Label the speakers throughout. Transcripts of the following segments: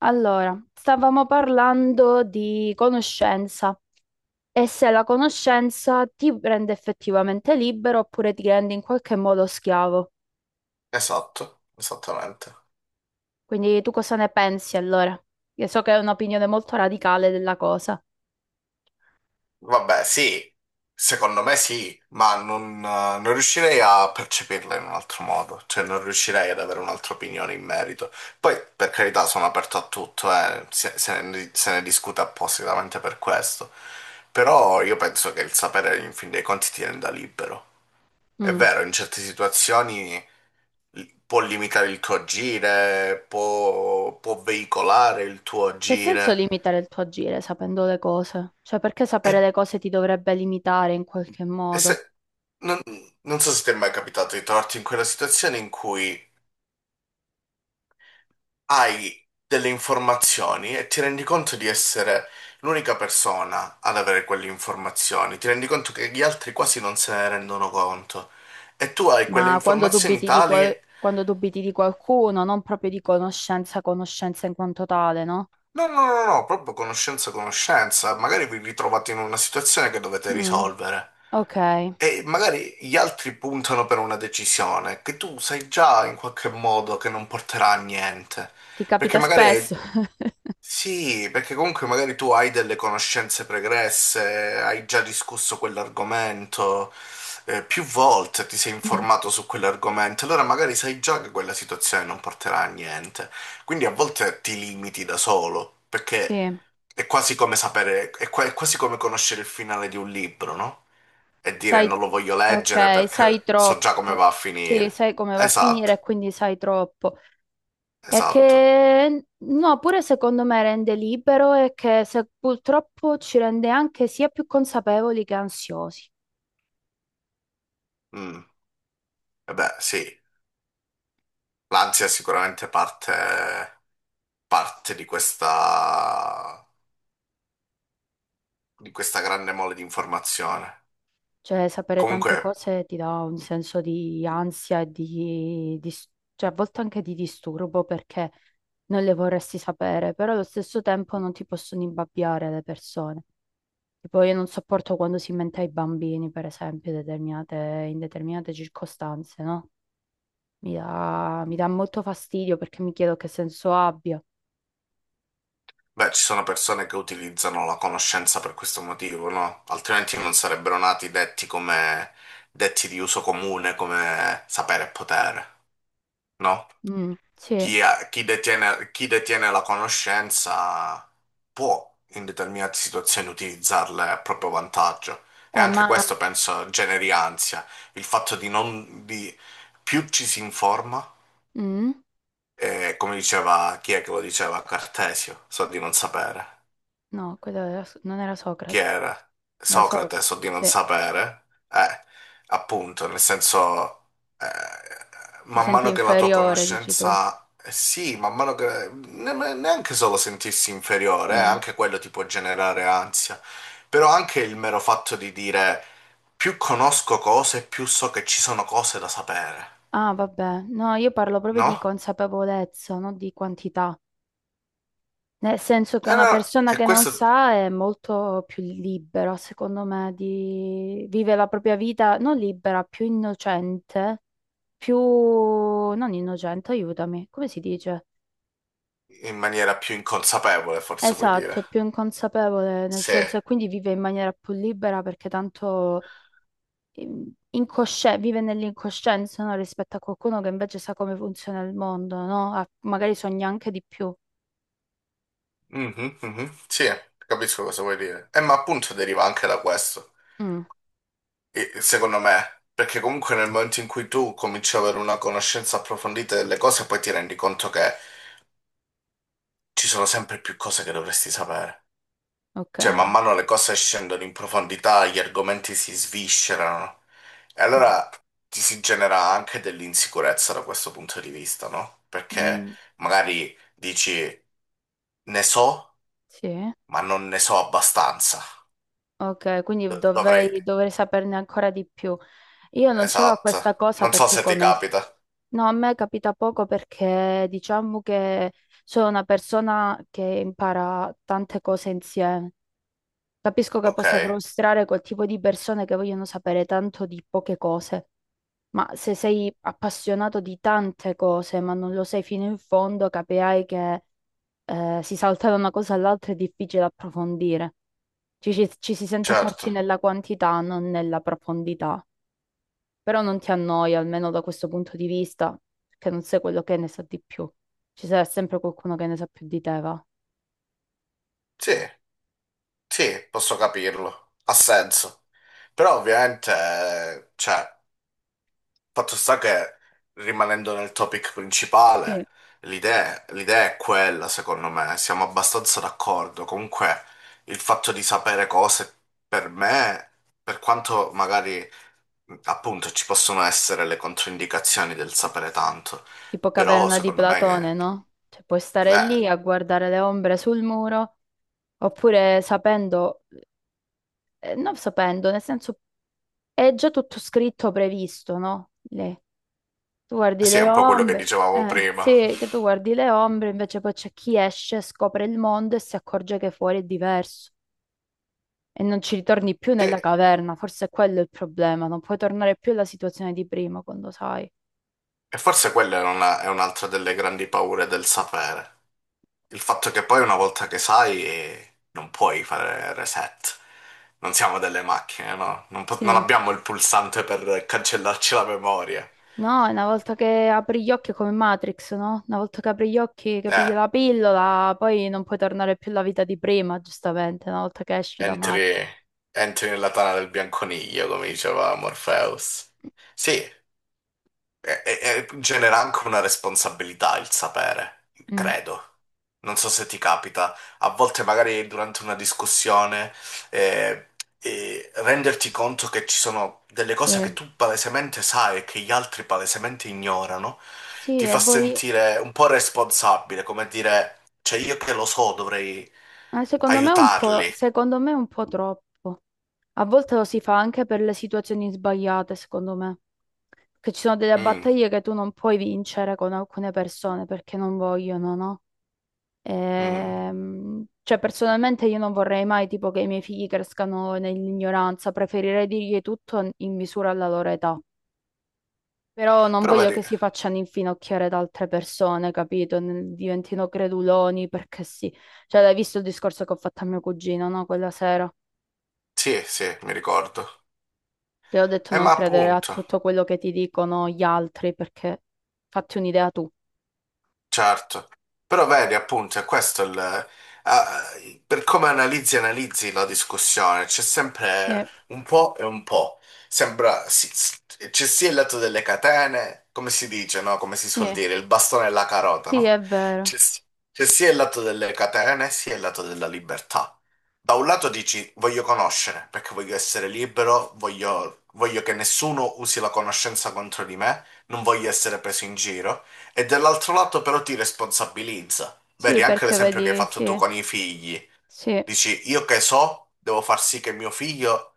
Speaker 1: Allora, stavamo parlando di conoscenza e se la conoscenza ti rende effettivamente libero oppure ti rende in qualche modo schiavo.
Speaker 2: Esatto, esattamente.
Speaker 1: Quindi tu cosa ne pensi allora? Io so che è un'opinione molto radicale della cosa.
Speaker 2: Vabbè, sì, secondo me sì, ma non, non riuscirei a percepirla in un altro modo, cioè non riuscirei ad avere un'altra opinione in merito. Poi, per carità, sono aperto a tutto, se ne discute appositamente per questo, però io penso che il sapere, in fin dei conti, ti renda libero. È
Speaker 1: Mm.
Speaker 2: vero, in certe situazioni può limitare il tuo agire, può veicolare il tuo
Speaker 1: Che senso
Speaker 2: agire.
Speaker 1: limitare il tuo agire sapendo le cose? Cioè, perché sapere
Speaker 2: E,
Speaker 1: le cose ti dovrebbe limitare in qualche
Speaker 2: e se,
Speaker 1: modo?
Speaker 2: Non so se ti è mai capitato di trovarti in quella situazione in cui hai delle informazioni e ti rendi conto di essere l'unica persona ad avere quelle informazioni, ti rendi conto che gli altri quasi non se ne rendono conto e tu hai quelle
Speaker 1: Ma quando
Speaker 2: informazioni
Speaker 1: dubiti di, qual-
Speaker 2: tali,
Speaker 1: quando dubiti di qualcuno, non proprio di conoscenza, conoscenza in quanto tale, no?
Speaker 2: no, no, no, no, proprio conoscenza, conoscenza, magari vi ritrovate in una situazione che dovete
Speaker 1: Mm.
Speaker 2: risolvere.
Speaker 1: Ok.
Speaker 2: E magari gli altri puntano per una decisione che tu sai già in qualche modo che non porterà a niente,
Speaker 1: Ti
Speaker 2: perché
Speaker 1: capita
Speaker 2: magari hai.
Speaker 1: spesso?
Speaker 2: Sì, perché comunque magari tu hai delle conoscenze pregresse, hai già discusso quell'argomento, più volte ti sei
Speaker 1: Mm,
Speaker 2: informato su quell'argomento, allora magari sai già che quella situazione non porterà a niente. Quindi a volte ti limiti da solo, perché
Speaker 1: sì,
Speaker 2: è quasi come sapere, è quasi come conoscere il finale di un libro, no? E dire
Speaker 1: sai,
Speaker 2: non lo voglio leggere
Speaker 1: ok, sai
Speaker 2: perché so
Speaker 1: troppo.
Speaker 2: già come va a
Speaker 1: Sì,
Speaker 2: finire.
Speaker 1: sai come va a
Speaker 2: Esatto,
Speaker 1: finire, e quindi sai troppo. E
Speaker 2: esatto.
Speaker 1: che, no, pure secondo me rende libero e che se- purtroppo ci rende anche sia più consapevoli che ansiosi.
Speaker 2: Mm. E beh, sì, l'ansia è sicuramente parte di questa grande mole di informazione.
Speaker 1: Cioè, sapere
Speaker 2: Comunque,
Speaker 1: tante cose ti dà un senso di ansia e di- cioè, a volte anche di disturbo perché non le vorresti sapere, però allo stesso tempo non ti possono imbabbiare le persone. Tipo, io non sopporto quando si mente ai bambini, per esempio, determinate- in determinate circostanze, no? Mi dà molto fastidio perché mi chiedo che senso abbia.
Speaker 2: beh, ci sono persone che utilizzano la conoscenza per questo motivo, no? Altrimenti non sarebbero nati detti come detti di uso comune, come sapere e potere, no?
Speaker 1: Mm, sì,
Speaker 2: Chi detiene la conoscenza può in determinate situazioni utilizzarle a proprio vantaggio. E anche
Speaker 1: ma...
Speaker 2: questo penso generi ansia, il fatto di non, di, più ci si informa.
Speaker 1: mm?
Speaker 2: E come diceva, chi è che lo diceva? Cartesio, so di non sapere.
Speaker 1: No, quello era- non era
Speaker 2: Chi
Speaker 1: Socrate.
Speaker 2: era?
Speaker 1: Era
Speaker 2: Socrate,
Speaker 1: Socrate,
Speaker 2: so di non
Speaker 1: sì.
Speaker 2: sapere. Appunto, nel senso, eh,
Speaker 1: Ti
Speaker 2: man
Speaker 1: senti
Speaker 2: mano che la tua
Speaker 1: inferiore, dici tu.
Speaker 2: conoscenza, sì, man mano che neanche solo sentirsi inferiore,
Speaker 1: Sì.
Speaker 2: anche quello ti può generare ansia, però anche il mero fatto di dire più conosco cose, più so che ci sono cose da sapere,
Speaker 1: Ah, vabbè. No, io parlo proprio di
Speaker 2: no?
Speaker 1: consapevolezza, non di quantità. Nel senso che
Speaker 2: E,
Speaker 1: una
Speaker 2: no,
Speaker 1: persona
Speaker 2: e
Speaker 1: che non
Speaker 2: questo
Speaker 1: sa è molto più libera, secondo me, di... vive la propria vita non libera, più innocente, più... non innocente, aiutami, come si dice?
Speaker 2: in maniera più inconsapevole, forse puoi dire.
Speaker 1: Esatto, è più inconsapevole, nel
Speaker 2: Sì,
Speaker 1: senso che quindi vive in maniera più libera perché tanto incosce- vive nell'incoscienza, no? Rispetto a qualcuno che invece sa come funziona il mondo, no? Ah, magari sogna anche di più.
Speaker 2: mhm, mhm. Sì, capisco cosa vuoi dire. Ma appunto deriva anche da questo,
Speaker 1: Mm,
Speaker 2: secondo me, perché comunque nel momento in cui tu cominci ad avere una conoscenza approfondita delle cose, poi ti rendi conto che ci sono sempre più cose che dovresti sapere.
Speaker 1: ok,
Speaker 2: Cioè, man mano le cose scendono in profondità, gli argomenti si sviscerano, e
Speaker 1: sì.
Speaker 2: allora ti si genera anche dell'insicurezza da questo punto di vista, no? Perché
Speaker 1: Mm,
Speaker 2: magari dici, ne so,
Speaker 1: sì.
Speaker 2: ma non ne so abbastanza.
Speaker 1: Ok, quindi
Speaker 2: Dovrei...
Speaker 1: dovrei, dovrei saperne ancora di più. Io non c'avevo
Speaker 2: Esatto.
Speaker 1: questa cosa
Speaker 2: Non so
Speaker 1: perché
Speaker 2: se ti
Speaker 1: come...
Speaker 2: capita.
Speaker 1: No, a me capita poco perché diciamo che sono una persona che impara tante cose insieme. Capisco che
Speaker 2: Ok,
Speaker 1: possa frustrare quel tipo di persone che vogliono sapere tanto di poche cose, ma se sei appassionato di tante cose ma non lo sei fino in fondo, capirai che si salta da una cosa all'altra è difficile approfondire. Ci si sente forti
Speaker 2: certo.
Speaker 1: nella quantità, non nella profondità. Però non ti annoia, almeno da questo punto di vista, che non sei quello che ne sa di più. Ci sarà sempre qualcuno che ne sa più di te, va.
Speaker 2: Sì, sì, posso capirlo. Ha senso. Però ovviamente, cioè, fatto sta che rimanendo nel topic
Speaker 1: Sì.
Speaker 2: principale, l'idea è quella, secondo me. Siamo abbastanza d'accordo. Comunque, il fatto di sapere cose per me, per quanto magari. Appunto, ci possono essere le controindicazioni del sapere tanto,
Speaker 1: Tipo
Speaker 2: però
Speaker 1: Caverna di
Speaker 2: secondo
Speaker 1: Platone,
Speaker 2: me
Speaker 1: no? Cioè, puoi stare
Speaker 2: eh,
Speaker 1: lì a guardare le ombre sul muro, oppure sapendo, non sapendo, nel senso è già tutto scritto, previsto, no? Lì. Tu guardi
Speaker 2: sì, è
Speaker 1: le
Speaker 2: un po' quello che
Speaker 1: ombre,
Speaker 2: dicevamo prima.
Speaker 1: sì, che tu guardi le ombre, invece poi c'è chi esce, scopre il mondo e si accorge che fuori è diverso e non ci ritorni più
Speaker 2: Sì,
Speaker 1: nella
Speaker 2: e
Speaker 1: caverna, forse è quello il problema, non puoi tornare più alla situazione di prima quando sai.
Speaker 2: forse quella è è un'altra delle grandi paure del sapere. Il fatto che poi una volta che sai non puoi fare reset. Non siamo delle macchine, no? Non
Speaker 1: Sì,
Speaker 2: abbiamo il pulsante per cancellarci la memoria.
Speaker 1: no, una volta che apri gli occhi è come Matrix, no? Una volta che apri gli occhi, che pigli
Speaker 2: Eh,
Speaker 1: la pillola, poi non puoi tornare più alla vita di prima, giustamente, una volta che esci da Matrix.
Speaker 2: entri, entri nella tana del bianconiglio, come diceva Morpheus. Sì, e genera anche una responsabilità il sapere,
Speaker 1: Mm,
Speaker 2: credo. Non so se ti capita, a volte magari durante una discussione eh, renderti conto che ci sono delle cose che
Speaker 1: sì.
Speaker 2: tu palesemente sai e che gli altri palesemente ignorano,
Speaker 1: Sì,
Speaker 2: ti
Speaker 1: e
Speaker 2: fa
Speaker 1: voi,
Speaker 2: sentire un po' responsabile, come dire, cioè io che lo so dovrei
Speaker 1: secondo me è un po',
Speaker 2: aiutarli.
Speaker 1: secondo me è un po' troppo. A volte lo si fa anche per le situazioni sbagliate, secondo me. Che ci sono delle
Speaker 2: Mm,
Speaker 1: battaglie che tu non puoi vincere con alcune persone perché non vogliono, no?
Speaker 2: mm.
Speaker 1: Cioè, personalmente io non vorrei mai tipo che i miei figli crescano nell'ignoranza, preferirei dirgli tutto in misura alla loro età. Però non
Speaker 2: Però
Speaker 1: voglio
Speaker 2: vedi,
Speaker 1: che si facciano infinocchiare da altre persone, capito? N- Diventino creduloni perché sì. Cioè, l'hai visto il discorso che ho fatto a mio cugino, no? Quella sera.
Speaker 2: sì, sì, mi ricordo.
Speaker 1: Te l'ho detto non
Speaker 2: Ma
Speaker 1: credere a
Speaker 2: appunto.
Speaker 1: tutto quello che ti dicono gli altri perché fatti un'idea tu.
Speaker 2: Certo, però vedi appunto, è questo il, per come analizzi e analizzi la discussione, c'è sempre
Speaker 1: Eh,
Speaker 2: un po' e un po'. Sembra, c'è sia il lato delle catene, come si dice, no? Come si suol
Speaker 1: sì,
Speaker 2: dire, il bastone e la carota,
Speaker 1: sì,
Speaker 2: no?
Speaker 1: è vero.
Speaker 2: C'è si- c'è sia il lato delle catene, sia il lato della libertà. Da un lato dici voglio conoscere, perché voglio essere libero, voglio che nessuno usi la conoscenza contro di me, non voglio essere preso in giro. E dall'altro lato però ti responsabilizza.
Speaker 1: Sì,
Speaker 2: Vedi, anche
Speaker 1: perché
Speaker 2: l'esempio che hai
Speaker 1: vedi,
Speaker 2: fatto
Speaker 1: sì,
Speaker 2: tu con i figli.
Speaker 1: sì.
Speaker 2: Dici, io che so, devo far sì che mio figlio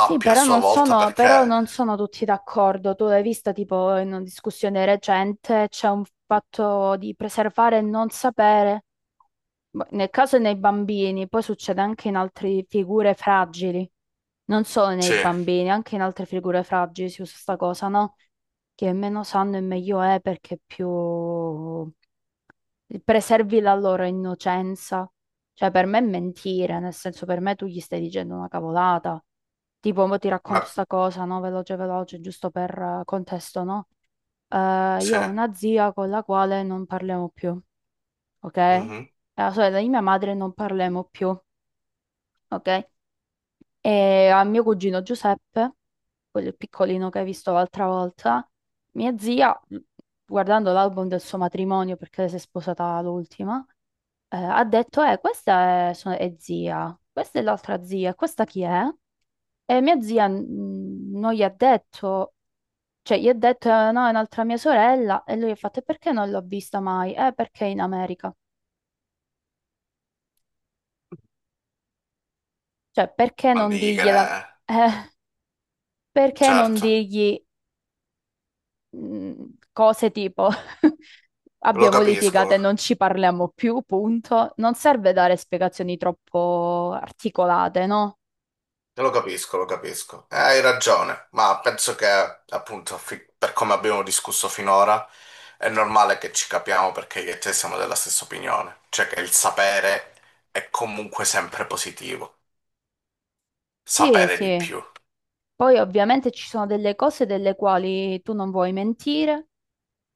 Speaker 1: Sì,
Speaker 2: a sua volta
Speaker 1: però
Speaker 2: perché...
Speaker 1: non sono tutti d'accordo. Tu l'hai vista tipo in una discussione recente, c'è un fatto di preservare e non sapere. Boh, nel caso nei bambini, poi succede anche in altre figure fragili. Non solo nei
Speaker 2: Sì,
Speaker 1: bambini, anche in altre figure fragili si usa sta cosa, no? Che meno sanno e meglio è perché più preservi la loro innocenza. Cioè, per me è mentire, nel senso, per me tu gli stai dicendo una cavolata. Tipo, mo ti racconto
Speaker 2: ma
Speaker 1: sta cosa, no? Veloce, veloce, giusto per contesto, no?
Speaker 2: sì,
Speaker 1: Io ho una zia con la quale non parliamo più, ok? E
Speaker 2: mhm.
Speaker 1: la sorella di mia madre non parliamo più, ok? E a mio cugino Giuseppe, quello piccolino che hai visto l'altra volta, mia zia, guardando l'album del suo matrimonio, perché lei si è sposata l'ultima, ha detto, questa è, so- è zia, questa è l'altra zia, questa chi è? E mia zia non gli ha detto, cioè gli ha detto, no, è un'altra mia sorella", e lui ha fatto, "E perché non l'ho vista mai? Perché è in America?" Cioè, perché
Speaker 2: Non
Speaker 1: non
Speaker 2: digli che...
Speaker 1: dirgliela?
Speaker 2: ne-
Speaker 1: Eh. Perché non
Speaker 2: Certo,
Speaker 1: dirgli mh, cose tipo
Speaker 2: lo
Speaker 1: abbiamo litigato
Speaker 2: capisco,
Speaker 1: e non ci parliamo più, punto. Non serve dare spiegazioni troppo articolate, no?
Speaker 2: lo capisco. Hai ragione, ma penso che appunto per come abbiamo discusso finora è normale che ci capiamo perché io e te siamo della stessa opinione, cioè che il sapere è comunque sempre positivo.
Speaker 1: Sì,
Speaker 2: Sapere di
Speaker 1: sì.
Speaker 2: più,
Speaker 1: Poi ovviamente ci sono delle cose delle quali tu non vuoi mentire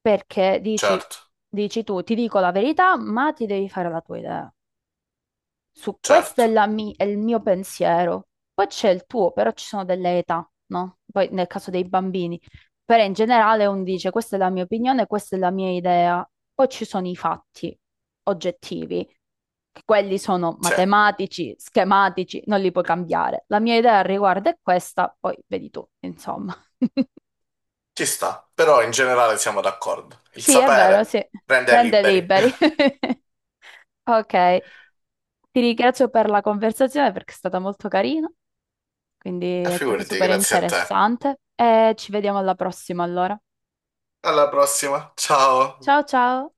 Speaker 1: perché
Speaker 2: certo,
Speaker 1: dici tu, ti dico la verità, ma ti devi fare la tua idea. Su questo
Speaker 2: certo,
Speaker 1: è, la mi- è il mio pensiero. Poi c'è il tuo, però ci sono delle età, no? Poi nel caso dei bambini. Però in generale uno dice questa è la mia opinione, questa è la mia idea. Poi ci sono i fatti oggettivi, che quelli sono
Speaker 2: sì,
Speaker 1: matematici, schematici, non li puoi cambiare. La mia idea al riguardo è questa, poi vedi tu, insomma.
Speaker 2: ci sta, però in generale siamo d'accordo. Il
Speaker 1: Sì, è vero,
Speaker 2: sapere
Speaker 1: sì.
Speaker 2: rende
Speaker 1: Rende
Speaker 2: liberi.
Speaker 1: liberi. Ok, ti ringrazio per la conversazione perché è stata molto carina. Quindi
Speaker 2: E
Speaker 1: è stata
Speaker 2: figurati,
Speaker 1: super
Speaker 2: grazie a te.
Speaker 1: interessante e ci vediamo alla prossima allora.
Speaker 2: Alla prossima, ciao.
Speaker 1: Ciao ciao!